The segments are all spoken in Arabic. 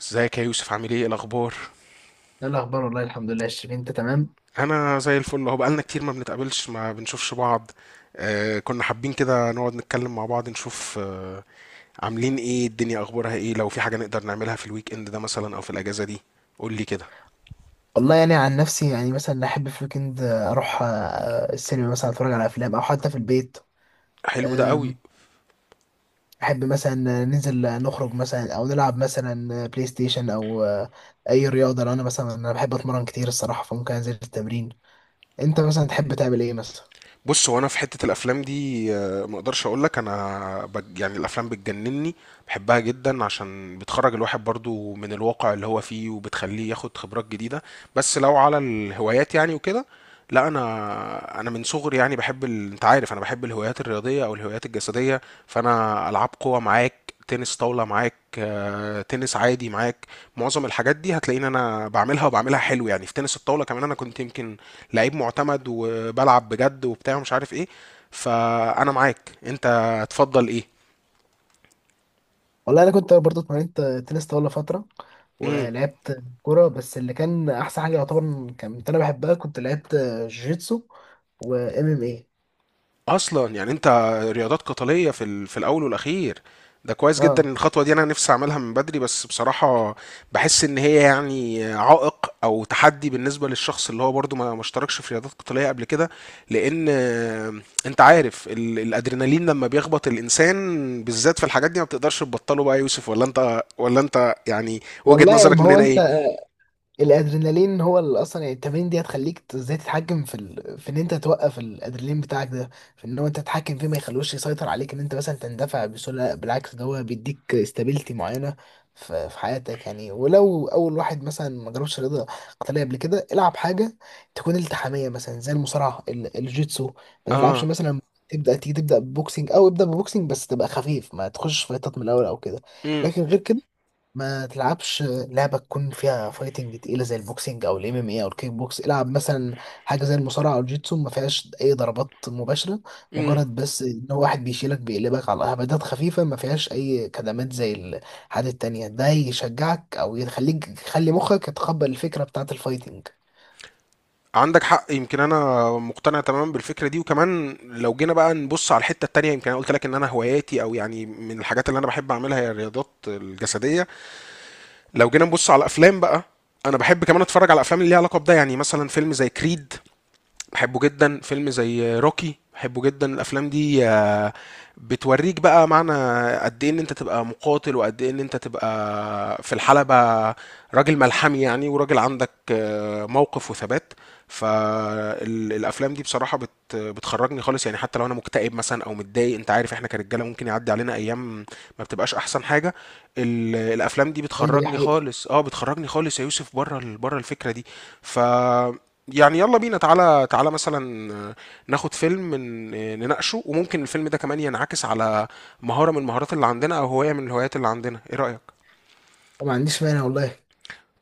ازيك يا يوسف؟ عامل ايه؟ إيه الاخبار؟ ايه الاخبار والله الحمد لله يا شيرين انت تمام. انا زي الفل اهو. بقالنا كتير ما بنتقابلش، ما بنشوفش بعض. آه، كنا حابين كده نقعد نتكلم مع بعض، نشوف عاملين ايه، الدنيا اخبارها ايه، لو في حاجة نقدر نعملها في الويك اند ده مثلا او في الاجازة دي. قول لي كده. والله يعني عن نفسي يعني مثلا احب في الويكند اروح السينما مثلا اتفرج على افلام او حتى في البيت. حلو ده قوي. أم، احب مثلا ننزل نخرج مثلا او نلعب مثلا بلاي ستيشن او اي رياضه لو انا مثلا بحب اتمرن كتير الصراحه، فممكن انزل التمرين. انت مثلا تحب تعمل ايه مثلا؟ بص، هو انا في حته الافلام دي، ما اقدرش اقول لك، يعني الافلام بتجنني، بحبها جدا، عشان بتخرج الواحد برضو من الواقع اللي هو فيه، وبتخليه ياخد خبرات جديده. بس لو على الهوايات يعني وكده، لا، انا من صغري يعني بحب انت عارف انا بحب الهوايات الرياضيه او الهوايات الجسديه. فانا العاب قوه معاك، تنس طاوله معاك، تنس عادي معاك. معظم الحاجات دي هتلاقيني انا بعملها، وبعملها حلو يعني. في تنس الطاوله كمان انا كنت يمكن لعيب معتمد، وبلعب بجد وبتاع ومش عارف ايه. فانا معاك، انت تفضل ايه؟ والله انا كنت برضه اتمرنت تنس طاوله فتره، امم، ولعبت كوره، بس اللي كان احسن حاجه يعتبر كانت انا بحبها كنت لعبت جوجيتسو وام ام اي. اصلا يعني انت رياضات قتاليه في في الاول والاخير. ده كويس جدا إن اه، الخطوه دي، انا نفسي اعملها من بدري، بس بصراحه بحس ان هي يعني عائق او تحدي بالنسبه للشخص اللي هو برضو ما اشتركش في رياضات قتاليه قبل كده، لان انت عارف الادرينالين لما بيخبط الانسان بالذات في الحاجات دي ما بتقدرش تبطله بقى يا يوسف. ولا انت؟ ولا انت يعني وجهه والله يعني نظرك ما من هو هنا انت ايه؟ الادرينالين هو اللي اصلا يعني التمارين دي هتخليك ازاي تتحكم في ان انت توقف الادرينالين بتاعك ده، في ان هو انت تتحكم فيه ما يخلوش يسيطر عليك ان انت مثلا تندفع بسهوله. لا، بالعكس، ده هو بيديك استابيليتي معينه في حياتك يعني. ولو اول واحد مثلا ما جربش رياضه قتاليه قبل كده، العب حاجه تكون التحاميه مثلا زي الجيتسو، ما تلعبش اه. مثلا تبدا تيجي تبدا ببوكسنج، او ابدا ببوكسنج بس تبقى خفيف، ما تخش فايتات من الاول او كده. امم. لكن غير كده ما تلعبش لعبة تكون فيها فايتنج تقيلة زي البوكسينج أو الام ام اي أو الكيك بوكس. العب مثلا حاجة زي المصارعة أو الجيتسو ما فيهاش أي ضربات مباشرة، امم. مجرد بس إن هو واحد بيشيلك بيقلبك على هبدات خفيفة ما فيهاش أي كدمات زي الحاجات التانية. ده يشجعك أو يخليك يخلي مخك يتقبل الفكرة بتاعة الفايتنج. عندك حق. يمكن انا مقتنع تماما بالفكره دي. وكمان لو جينا بقى نبص على الحته التانيه، يمكن انا قلت لك ان انا هواياتي، او يعني من الحاجات اللي انا بحب اعملها هي الرياضات الجسديه. لو جينا نبص على الافلام بقى، انا بحب كمان اتفرج على افلام اللي ليها علاقه بده، يعني مثلا فيلم زي كريد بحبه جدا، فيلم زي روكي بحبه جدا. الافلام دي بتوريك بقى معنى قد ايه ان انت تبقى مقاتل، وقد ايه ان انت تبقى في الحلبة راجل ملحمي يعني، وراجل عندك موقف وثبات. فالافلام دي بصراحة بتخرجني خالص يعني، حتى لو انا مكتئب مثلا او متضايق، انت عارف احنا كرجالة ممكن يعدي علينا ايام ما بتبقاش احسن حاجة، الافلام دي أيوة، دي بتخرجني حقيقة. خالص. اه بتخرجني خالص يا يوسف بره بره الفكرة دي. ف يعني يلا بينا، تعالى تعالى مثلا ناخد فيلم نناقشه، وممكن الفيلم ده كمان ينعكس على مهارة من المهارات اللي عندنا، أو هواية من الهوايات اللي عندنا. إيه رأيك؟ وما عنديش مانع والله.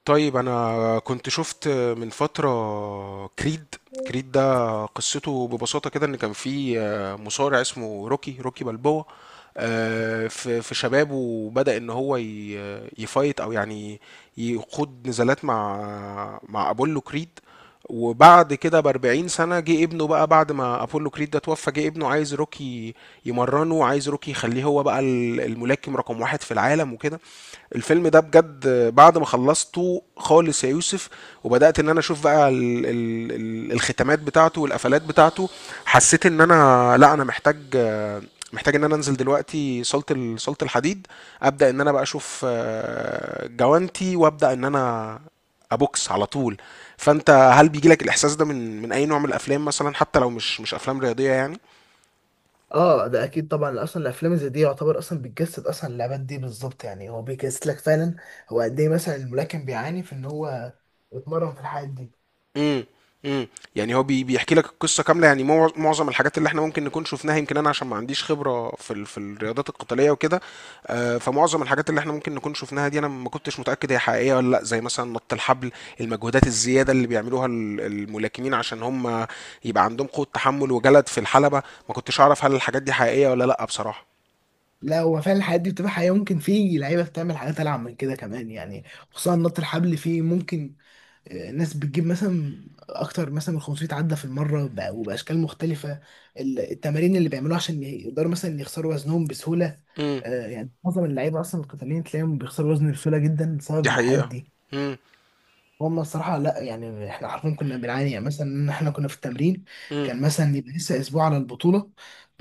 طيب، أنا كنت شفت من فترة كريد. كريد ده قصته ببساطة كده إن كان في مصارع اسمه روكي، روكي بالبوا، في في شبابه بدأ ان هو يفايت او يعني يخوض نزالات مع مع ابولو كريد. وبعد كده ب 40 سنه، جه ابنه بقى، بعد ما ابولو كريد ده توفى جه ابنه عايز روكي يمرنه، وعايز روكي يخليه هو بقى الملاكم رقم واحد في العالم وكده. الفيلم ده بجد، بعد ما خلصته خالص يا يوسف، وبدأت ان انا اشوف بقى ال الختامات بتاعته والقفلات بتاعته، حسيت ان انا، لا، انا محتاج، محتاج ان انا انزل دلوقتي صالة صالة الحديد، ابدأ ان انا بقى اشوف جوانتي وابدأ ان انا ابوكس على طول. فانت هل بيجي لك الاحساس ده من من اي نوع من الافلام مثلا، حتى لو مش افلام رياضيه يعني؟ اه، ده اكيد طبعا، اصلا الافلام زي دي يعتبر اصلا بتجسد اصلا اللعبات دي بالظبط، يعني هو بيجسد لك فعلا هو قد ايه مثلا الملاكم بيعاني في ان هو يتمرن في الحاجات دي. امم. امم. يعني هو بيحكي لك القصه كامله يعني. معظم الحاجات اللي احنا ممكن نكون شفناها، يمكن انا عشان ما عنديش خبره في في الرياضات القتاليه وكده، فمعظم الحاجات اللي احنا ممكن نكون شفناها دي، انا ما كنتش متاكد هي حقيقيه ولا لا، زي مثلا نط الحبل، المجهودات الزياده اللي بيعملوها الملاكمين عشان هم يبقى عندهم قوه تحمل وجلد في الحلبه. ما كنتش اعرف هل الحاجات دي حقيقيه ولا لا بصراحه. لا، هو فعلا الحاجات دي بتبقى حقيقة، ممكن في لعيبة بتعمل حاجات ألعب من كده كمان يعني. خصوصا نط الحبل، فيه ممكن ناس بتجيب مثلا أكتر مثلا من 500 عدة في المرة وبأشكال مختلفة. التمارين اللي بيعملوها عشان يقدروا مثلا يخسروا وزنهم بسهولة. امم، يعني معظم اللعيبة أصلا القتاليين تلاقيهم بيخسروا وزن بسهولة جدا دي بسبب الحاجات حقيقه. دي. امم. هم الصراحة لا يعني احنا عارفين كنا بنعاني، يعني مثلا ان احنا كنا في التمرين كان مثلا يبقى لسه اسبوع على البطولة،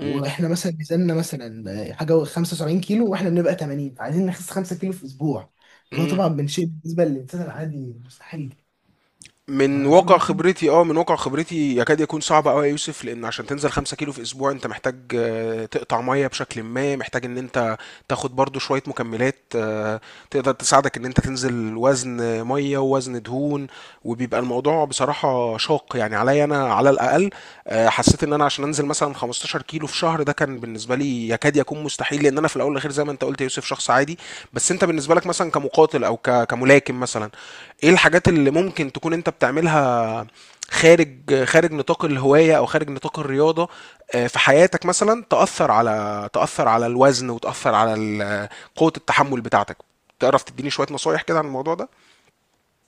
امم. مثلا ميزاننا مثلا حاجة 75 كيلو واحنا بنبقى 80، فعايزين نخس 5 كيلو في اسبوع. وده إمم. طبعا من شيء بالنسبة للإنسان العادي مستحيل. من ما واقع كل احنا خبرتي، من واقع خبرتي يكاد يكون صعب أوي يا يوسف، لإن عشان تنزل 5 كيلو في أسبوع أنت محتاج تقطع مَيّة بشكلٍ ما، محتاج إن أنت تاخد برضه شوية مكملات تقدر تساعدك إن أنت تنزل وزن مَيّة ووزن دهون، وبيبقى الموضوع بصراحة شاق، يعني عليّا أنا على الأقل. حسيت إن أنا عشان أنزل مثلًا 15 كيلو في شهر، ده كان بالنسبة لي يكاد يكون مستحيل، لإن أنا في الأول والأخير زي ما أنت قُلت يا يوسف شخص عادي. بس أنت بالنسبة لك مثلًا كمقاتل أو كملاكم مثلًا، ايه الحاجات اللي ممكن تكون انت بتعملها خارج، خارج نطاق الهواية او خارج نطاق الرياضة، في حياتك مثلا تأثر على، تأثر على الوزن وتأثر على قوة التحمل بتاعتك؟ تعرف تديني شوية نصايح كده عن الموضوع ده؟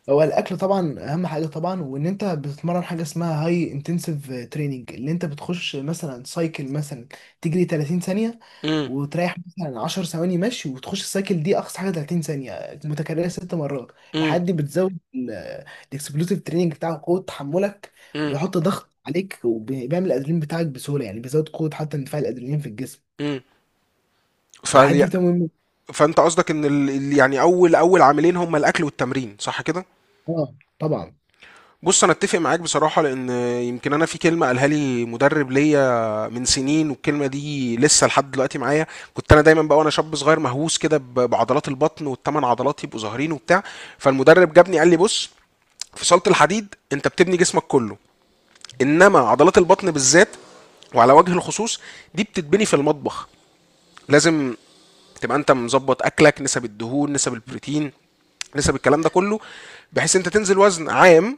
هو الاكل طبعا اهم حاجة. طبعا وان انت بتتمرن حاجة اسمها هاي انتنسيف تريننج، اللي انت بتخش مثلا سايكل مثلا تجري 30 ثانية امم. وتريح مثلا 10 ثواني مشي، وتخش السايكل دي اقصى حاجه 30 ثانيه متكرره ست مرات، امم. لحد بتزود الاكسبلوسيف تريننج بتاعك قوه تحملك. امم. وبيحط ضغط عليك وبيعمل الادرينالين بتاعك بسهوله، يعني بيزود قوه حتى اندفاع الادرينالين في الجسم. امم. فالحاجات فال... دي بتبقى مهمه. فانت قصدك ان يعني اول، اول عاملين هما الاكل والتمرين، صح كده؟ اه طبعا. بص انا اتفق معاك بصراحه، لان يمكن انا في كلمه قالها لي مدرب ليا من سنين، والكلمه دي لسه لحد دلوقتي معايا. كنت انا دايما بقى وانا شاب صغير مهووس كده بعضلات البطن، والثمان عضلات يبقوا ظاهرين وبتاع. فالمدرب جابني قال لي بص، في صاله الحديد انت بتبني جسمك كله، انما عضلات البطن بالذات وعلى وجه الخصوص دي بتتبني في المطبخ. لازم تبقى انت مظبط اكلك، نسب الدهون، نسب البروتين، نسب الكلام ده كله، بحيث انت تنزل وزن عام،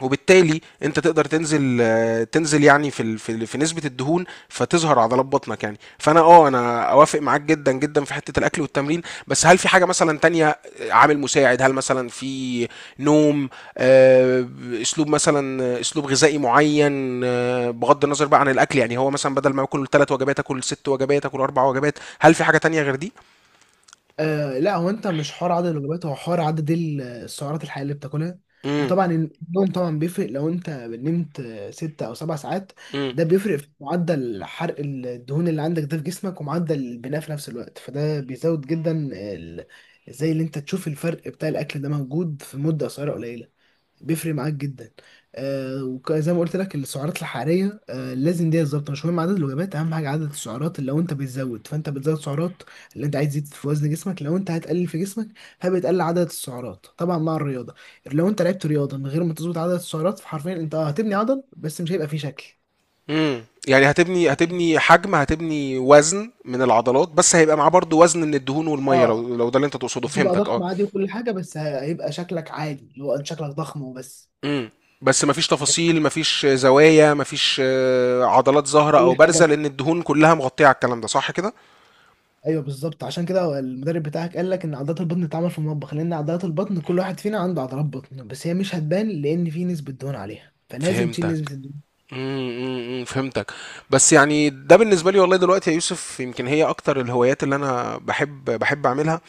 وبالتالي انت تقدر تنزل تنزل يعني في في نسبه الدهون، فتظهر عضلات بطنك يعني. فانا اه انا اوافق معاك جدا جدا في حته الاكل والتمرين. بس هل في حاجه مثلا تانية، عامل مساعد؟ هل مثلا في نوم، آه، اسلوب مثلا، اسلوب غذائي معين، بغض النظر بقى عن الاكل، يعني هو مثلا بدل ما اكل ثلاث وجبات اكل ست وجبات، اكل اربع وجبات؟ هل في حاجه تانية غير دي؟ لا، هو انت مش حوار عدد الوجبات، هو حوار عدد السعرات الحقيقيه اللي بتاكلها. وطبعا النوم طبعا بيفرق، لو انت نمت ست او سبع ساعات امم. ده بيفرق في معدل حرق الدهون اللي عندك ده في جسمك ومعدل البناء في نفس الوقت، فده بيزود جدا زي اللي انت تشوف الفرق بتاع الاكل ده موجود في مده قصيره قليله، بيفرق معاك جدا. وزي ما قلت لك السعرات الحراريه، لازم دي بالظبط، مش مهم عدد الوجبات، اهم حاجه عدد السعرات. اللي لو انت بتزود فانت بتزود سعرات اللي انت عايز تزيد في وزن جسمك، لو انت هتقلل في جسمك فبتقلل عدد السعرات طبعا مع الرياضه. لو انت لعبت رياضه من غير ما تظبط عدد السعرات، فحرفيا انت اه هتبني عضل بس مش هيبقى فيه شكل امم. يعني يعني. هتبني حجم، هتبني وزن من العضلات، بس هيبقى معاه برضو وزن من الدهون والميه، اه، لو لو ده اللي انت تقصده؟ هتبقى فهمتك، ضخم اه. عادي وكل حاجه، بس هيبقى شكلك عادي اللي هو انت شكلك ضخم وبس، امم. بس مفيش مش هتعمل تفاصيل، مفيش زوايا، مفيش عضلات ظاهرة او اي بارزة، حاجه. لان الدهون كلها مغطية على الكلام ده، صح كده؟ ايوه بالظبط، عشان كده المدرب بتاعك قال لك ان عضلات البطن بتتعمل في المطبخ، لان عضلات البطن كل واحد فينا عنده عضلات بطن، بس هي مش هتبان لان في نسبه دهون عليها، فلازم تشيل فهمتك. نسبه الدهون. امم. أمم، فهمتك. بس يعني ده بالنسبة لي والله دلوقتي يا يوسف، يمكن هي اكتر الهوايات اللي انا بحب اعملها.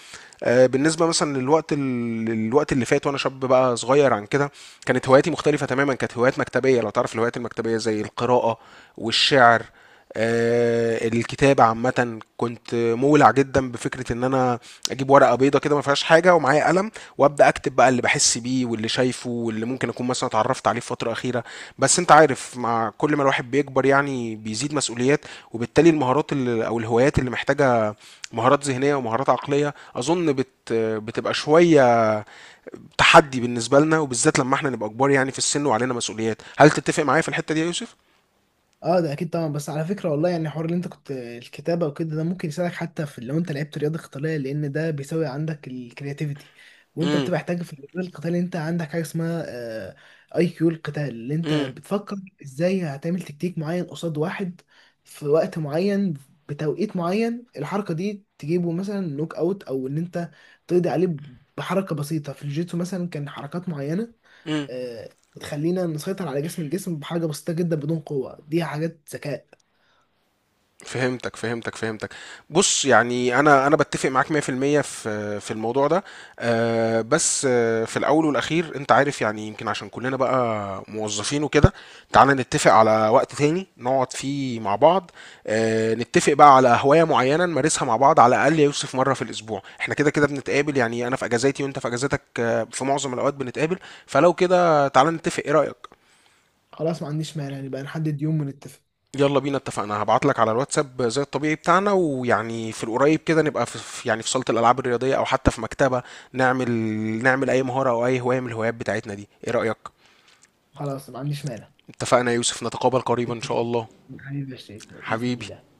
بالنسبه مثلا للوقت، الوقت اللي فات وانا شاب بقى صغير عن كده، كانت هواياتي مختلفه تماما، كانت هوايات مكتبيه. لو تعرف الهوايات المكتبيه زي القراءه والشعر، الكتابة عامة. كنت مولع جدا بفكرة ان انا اجيب ورقة بيضة كده ما فيهاش حاجة ومعايا قلم، وابدا اكتب بقى اللي بحس بيه، واللي شايفه، واللي ممكن اكون مثلا اتعرفت عليه في فترة اخيرة. بس انت عارف، مع كل ما الواحد بيكبر يعني بيزيد مسؤوليات، وبالتالي المهارات اللي، او الهوايات اللي محتاجة مهارات ذهنيه ومهارات عقليه، اظن بتبقى شويه تحدي بالنسبه لنا، وبالذات لما احنا نبقى كبار يعني في السن وعلينا مسؤوليات. هل تتفق معايا في الحته دي يا يوسف؟ اه ده اكيد طبعا. بس على فكره والله يعني حوار اللي انت كنت الكتابه وكده ده ممكن يساعدك حتى في لو انت لعبت رياضه قتاليه، لان ده بيساوي عندك الكرياتيفيتي. وانت امم. بتبقى محتاج في الرياضه القتاليه، انت عندك حاجه اسمها اي كيو القتال، اللي انت امم. بتفكر ازاي هتعمل تكتيك معين قصاد واحد في وقت معين، بتوقيت معين، الحركه دي تجيبه مثلا نوك اوت او ان انت تقضي عليه بحركه بسيطه. في الجيتسو مثلا كان حركات معينه، امم. آه، تخلينا نسيطر على الجسم بحاجة بسيطة جدا بدون قوة، دي حاجات ذكاء. فهمتك فهمتك. بص يعني، انا بتفق معاك 100% في المية في في الموضوع ده. بس في الاول والاخير انت عارف يعني، يمكن عشان كلنا بقى موظفين وكده، تعالى نتفق على وقت تاني نقعد فيه مع بعض، نتفق بقى على هواية معينة نمارسها مع بعض، على الاقل يا يوسف مرة في الاسبوع. احنا كده كده بنتقابل يعني، انا في اجازاتي وانت في اجازاتك، في معظم الاوقات بنتقابل، فلو كده تعالى نتفق. ايه رأيك؟ خلاص، ما عنديش مانع، يعني بقى نحدد يوم ونتفق. يلا بينا، اتفقنا. هبعت لك على الواتساب زي الطبيعي بتاعنا، ويعني في القريب كده نبقى في يعني في صالة الألعاب الرياضية، أو حتى في مكتبة، نعمل، نعمل أي مهارة أو أي هواية من الهوايات بتاعتنا دي. إيه رأيك؟ خلاص، ما عنديش مانع. اتفقنا يا يوسف، نتقابل قريبا إن شاء اتفقنا. الله. حبيبي يا شريف بإذن حبيبي. الله.